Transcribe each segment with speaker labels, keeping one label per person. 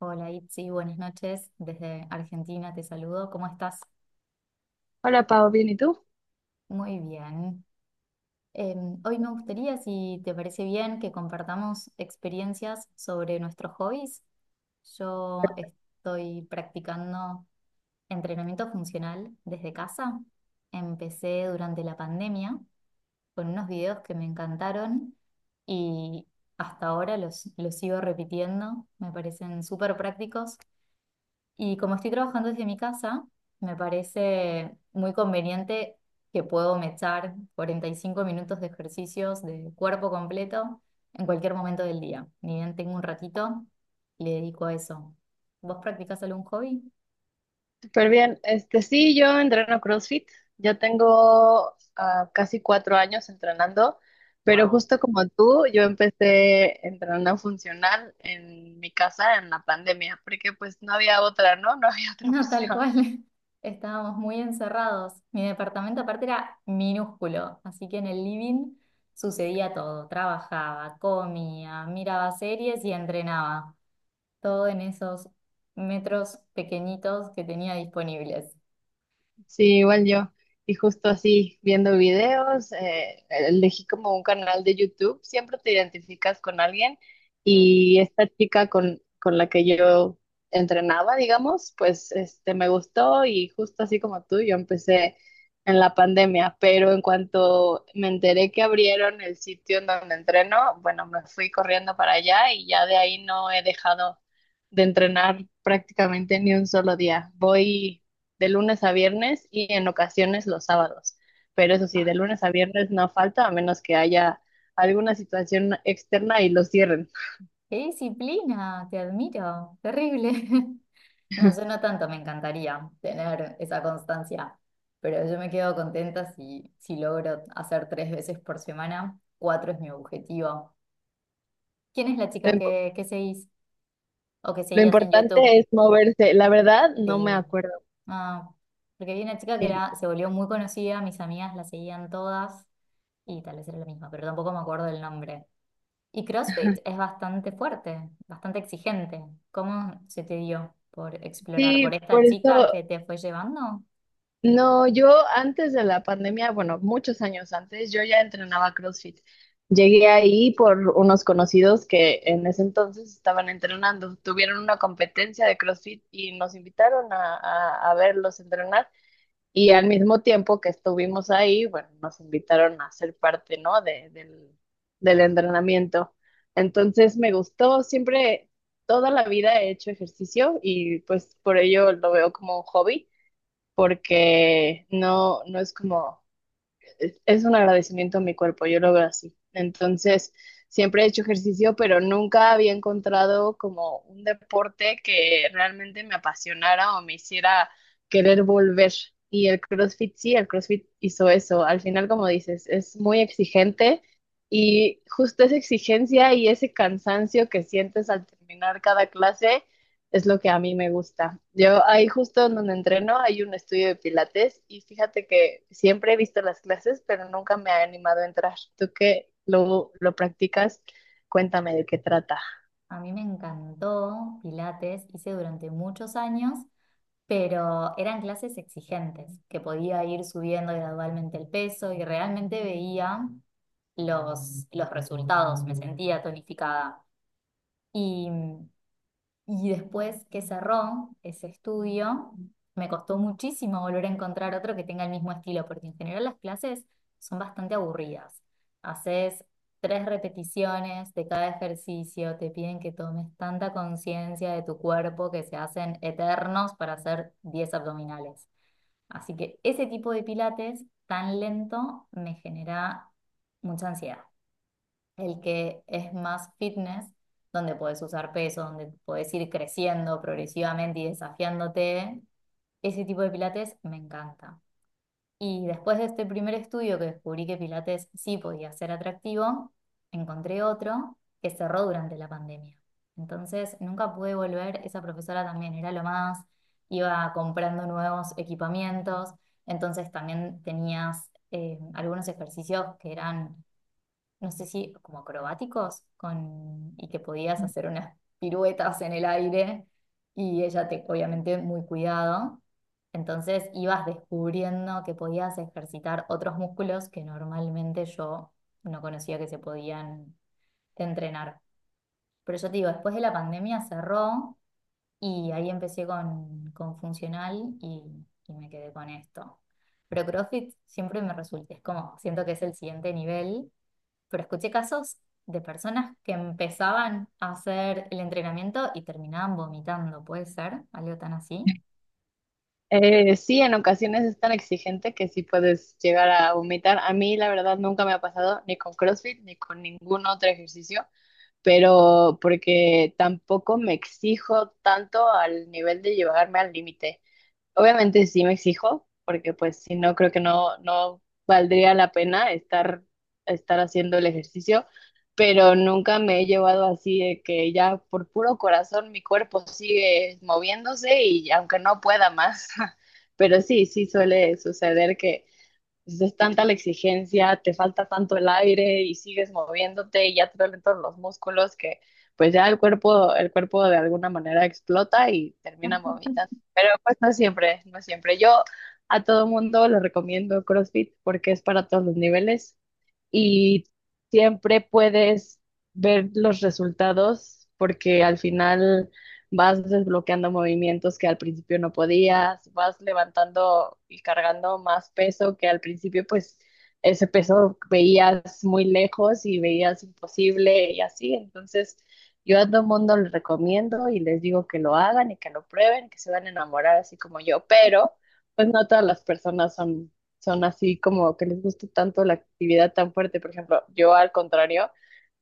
Speaker 1: Hola Itzi, buenas noches. Desde Argentina te saludo. ¿Cómo estás?
Speaker 2: Hola Pau, bien, ¿y tú?
Speaker 1: Muy bien. Hoy me gustaría, si te parece bien, que compartamos experiencias sobre nuestros hobbies. Yo estoy practicando entrenamiento funcional desde casa. Empecé durante la pandemia con unos videos que me encantaron y hasta ahora los sigo repitiendo. Me parecen súper prácticos. Y como estoy trabajando desde mi casa, me parece muy conveniente que puedo me echar 45 minutos de ejercicios de cuerpo completo en cualquier momento del día. Ni bien tengo un ratito, le dedico a eso. ¿Vos practicás algún hobby?
Speaker 2: Súper bien. Este, sí, yo entreno CrossFit. Ya tengo casi 4 años entrenando, pero
Speaker 1: ¡Wow!
Speaker 2: justo como tú, yo empecé entrenando funcional en mi casa en la pandemia, porque pues no había otra, ¿no? No había otra
Speaker 1: No, tal
Speaker 2: opción.
Speaker 1: cual. Estábamos muy encerrados. Mi departamento aparte era minúsculo, así que en el living sucedía todo. Trabajaba, comía, miraba series y entrenaba, todo en esos metros pequeñitos que tenía disponibles.
Speaker 2: Sí, igual yo. Y justo así, viendo videos, elegí como un canal de YouTube, siempre te identificas con alguien
Speaker 1: Claro.
Speaker 2: y esta chica con la que yo entrenaba, digamos, pues este, me gustó y justo así como tú, yo empecé en la pandemia, pero en cuanto me enteré que abrieron el sitio en donde entreno, bueno, me fui corriendo para allá y ya de ahí no he dejado de entrenar prácticamente ni un solo día. Voy de lunes a viernes y en ocasiones los sábados. Pero eso sí, de lunes a viernes no falta, a menos que haya alguna situación externa y los cierren.
Speaker 1: ¡Qué disciplina! Te admiro. Terrible. No, yo no tanto, me encantaría tener esa constancia, pero yo me quedo contenta si logro hacer tres veces por semana. Cuatro es mi objetivo. ¿Quién es la
Speaker 2: Lo,
Speaker 1: chica
Speaker 2: imp-
Speaker 1: que seguís o que
Speaker 2: lo
Speaker 1: seguías en YouTube?
Speaker 2: importante es moverse. La verdad, no me
Speaker 1: Sí.
Speaker 2: acuerdo.
Speaker 1: Ah, porque vi una chica que
Speaker 2: Eh,
Speaker 1: era, se volvió muy conocida, mis amigas la seguían todas y tal vez era la misma, pero tampoco me acuerdo el nombre. Y CrossFit es bastante fuerte, bastante exigente. ¿Cómo se te dio por explorar? ¿Por
Speaker 2: Sí,
Speaker 1: esta
Speaker 2: por eso,
Speaker 1: chica que te fue llevando?
Speaker 2: no, yo antes de la pandemia, bueno, muchos años antes, yo ya entrenaba CrossFit. Llegué ahí por unos conocidos que en ese entonces estaban entrenando. Tuvieron una competencia de CrossFit y nos invitaron a verlos entrenar. Y al mismo tiempo que estuvimos ahí, bueno, nos invitaron a ser parte, ¿no? del del entrenamiento. Entonces me gustó, siempre, toda la vida he hecho ejercicio y pues por ello lo veo como un hobby, porque no es como es un agradecimiento a mi cuerpo, yo lo veo así. Entonces, siempre he hecho ejercicio, pero nunca había encontrado como un deporte que realmente me apasionara o me hiciera querer volver. Y el CrossFit sí, el CrossFit hizo eso. Al final, como dices, es muy exigente y justo esa exigencia y ese cansancio que sientes al terminar cada clase es lo que a mí me gusta. Yo ahí justo donde entreno hay un estudio de pilates y fíjate que siempre he visto las clases, pero nunca me ha animado a entrar. Tú que lo practicas, cuéntame de qué trata.
Speaker 1: A mí me encantó Pilates, hice durante muchos años, pero eran clases exigentes, que podía ir subiendo gradualmente el peso y realmente veía los resultados, me sentía tonificada. Y Y después que cerró ese estudio, me costó muchísimo volver a encontrar otro que tenga el mismo estilo, porque en general las clases son bastante aburridas. Haces tres repeticiones de cada ejercicio, te piden que tomes tanta conciencia de tu cuerpo que se hacen eternos para hacer 10 abdominales. Así que ese tipo de pilates tan lento me genera mucha ansiedad. El que es más fitness, donde podés usar peso, donde podés ir creciendo progresivamente y desafiándote. Ese tipo de pilates me encanta. Y después de este primer estudio que descubrí que pilates sí podía ser atractivo, encontré otro que cerró durante la pandemia. Entonces nunca pude volver, esa profesora también era lo más, iba comprando nuevos equipamientos, entonces también tenías algunos ejercicios que eran, no sé si como acrobáticos, con, y que podías hacer unas piruetas en el aire y ella te, obviamente muy cuidado. Entonces ibas descubriendo que podías ejercitar otros músculos que normalmente yo no conocía que se podían entrenar. Pero yo te digo, después de la pandemia cerró y ahí empecé con funcional y me quedé con esto. Pero CrossFit siempre me resulta, es como, siento que es el siguiente nivel, pero escuché casos de personas que empezaban a hacer el entrenamiento y terminaban vomitando. ¿Puede ser? ¿Algo tan así?
Speaker 2: Sí, en ocasiones es tan exigente que sí puedes llegar a vomitar. A mí la verdad nunca me ha pasado ni con CrossFit ni con ningún otro ejercicio, pero porque tampoco me exijo tanto al nivel de llevarme al límite. Obviamente sí me exijo, porque pues si no, creo que no valdría la pena estar haciendo el ejercicio, pero nunca me he llevado así de que ya por puro corazón mi cuerpo sigue moviéndose y aunque no pueda más, pero sí, sí suele suceder que entonces es tanta la exigencia, te falta tanto el aire y sigues moviéndote y ya te duelen todos los músculos que pues ya el cuerpo de alguna manera explota y termina vomitando. Pero pues no siempre, no siempre. Yo a todo mundo le recomiendo CrossFit porque es para todos los niveles y siempre puedes ver los resultados porque al final vas desbloqueando movimientos que al principio no podías, vas levantando y cargando más peso que al principio pues ese peso veías muy lejos y veías imposible y así. Entonces yo a todo el mundo les recomiendo y les digo que lo hagan y que lo prueben, que se van a enamorar así como yo, pero pues no todas las personas son así como que les gusta tanto la actividad tan fuerte. Por ejemplo, yo al contrario,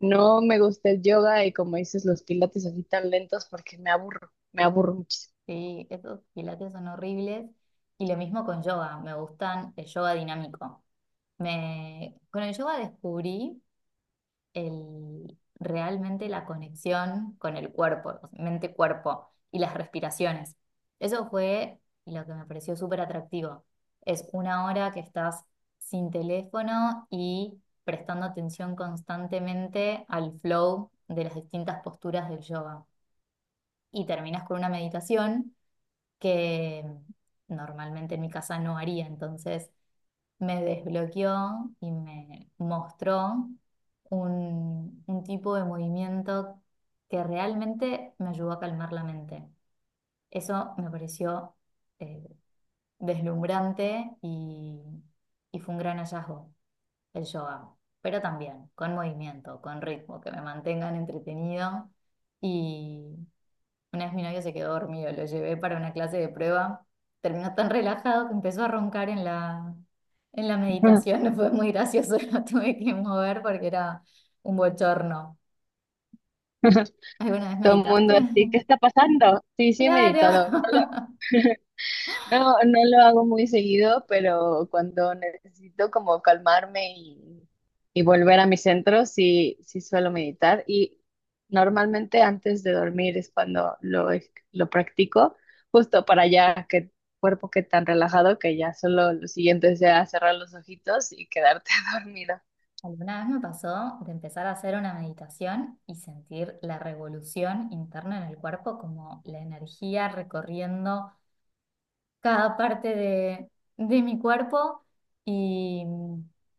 Speaker 2: no me gusta el yoga y como dices, los pilates así tan lentos porque me aburro muchísimo.
Speaker 1: Sí, esos pilates son horribles. Y lo mismo con yoga, me gustan el yoga dinámico. Me... Con el yoga descubrí el, realmente la conexión con el cuerpo, mente-cuerpo y las respiraciones. Eso fue lo que me pareció súper atractivo. Es una hora que estás sin teléfono y prestando atención constantemente al flow de las distintas posturas del yoga. Y terminas con una meditación que normalmente en mi casa no haría, entonces me desbloqueó y me mostró un tipo de movimiento que realmente me ayudó a calmar la mente. Eso me pareció eh, deslumbrante y fue un gran hallazgo el yoga, pero también con movimiento, con ritmo, que me mantengan entretenido. Y una vez mi novio se quedó dormido, lo llevé para una clase de prueba. Terminó tan relajado que empezó a roncar en la meditación. Fue muy gracioso, lo tuve que mover porque era un bochorno. ¿Alguna vez
Speaker 2: Todo el
Speaker 1: meditaste?
Speaker 2: mundo así, ¿qué está pasando? Sí, sí he
Speaker 1: Claro.
Speaker 2: meditado. No, no lo hago muy seguido, pero cuando necesito como calmarme y volver a mi centro, sí, sí suelo meditar. Y normalmente antes de dormir es cuando lo practico, justo para ya que el cuerpo quede tan relajado que ya solo lo siguiente sea cerrar los ojitos y quedarte dormido.
Speaker 1: Alguna vez me pasó de empezar a hacer una meditación y sentir la revolución interna en el cuerpo, como la energía recorriendo cada parte de mi cuerpo y,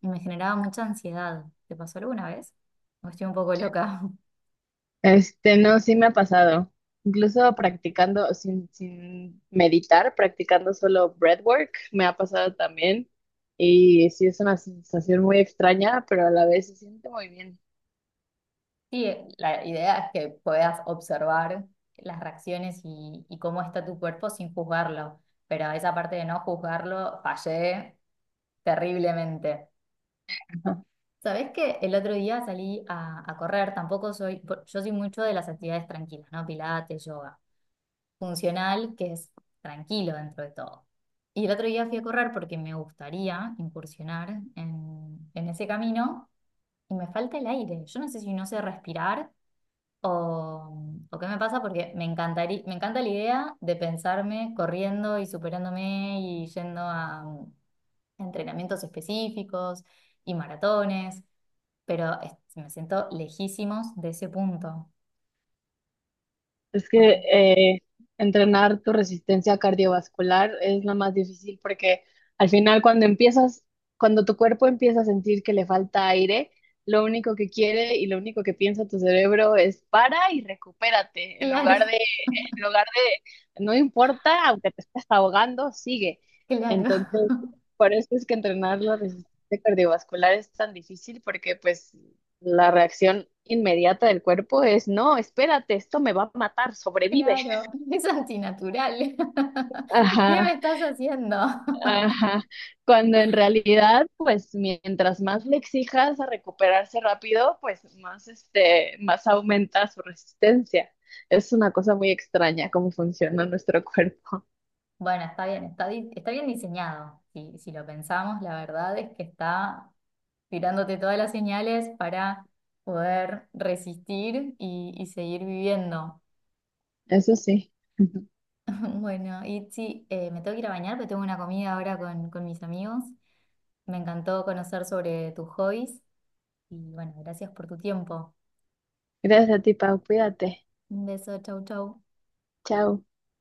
Speaker 1: y me generaba mucha ansiedad. ¿Te pasó alguna vez? ¿O estoy un poco loca?
Speaker 2: Este, no, sí me ha pasado. Incluso practicando sin meditar, practicando solo breathwork, me ha pasado también. Y sí es una sensación muy extraña, pero a la vez se siente muy bien.
Speaker 1: Sí, la idea es que puedas observar las reacciones y cómo está tu cuerpo sin juzgarlo, pero esa parte de no juzgarlo fallé terriblemente. Sabés que el otro día salí a correr, tampoco soy, yo soy mucho de las actividades tranquilas, ¿no? Pilates, yoga, funcional, que es tranquilo dentro de todo. Y el otro día fui a correr porque me gustaría incursionar en ese camino y me falta el aire. Yo no sé si no sé respirar o qué me pasa, porque me encantaría, me encanta la idea de pensarme corriendo y superándome y yendo a entrenamientos específicos y maratones, pero me siento lejísimos de ese punto.
Speaker 2: Es que
Speaker 1: Oh,
Speaker 2: entrenar tu resistencia cardiovascular es la más difícil porque al final cuando empiezas, cuando tu cuerpo empieza a sentir que le falta aire, lo único que quiere y lo único que piensa tu cerebro es para y recupérate, en lugar de,
Speaker 1: claro.
Speaker 2: en lugar de, no importa, aunque te estés ahogando, sigue.
Speaker 1: Claro.
Speaker 2: Entonces, por eso es que entrenar la resistencia cardiovascular es tan difícil porque pues la reacción inmediata del cuerpo es, no, espérate, esto me va a matar, sobrevive.
Speaker 1: Claro, es antinatural. ¿Qué
Speaker 2: Ajá,
Speaker 1: me estás haciendo?
Speaker 2: ajá. Cuando en realidad, pues mientras más le exijas a recuperarse rápido, pues más, este, más aumenta su resistencia. Es una cosa muy extraña cómo funciona nuestro cuerpo.
Speaker 1: Bueno, está bien, está, está bien diseñado. Si si lo pensamos, la verdad es que está tirándote todas las señales para poder resistir y seguir viviendo.
Speaker 2: Eso sí. Ujú.
Speaker 1: Bueno, Itzi, me tengo que ir a bañar, pero tengo una comida ahora con mis amigos. Me encantó conocer sobre tus hobbies y bueno, gracias por tu tiempo.
Speaker 2: Gracias a ti, Pau. Cuídate.
Speaker 1: Un beso, chau, chau.
Speaker 2: Chao.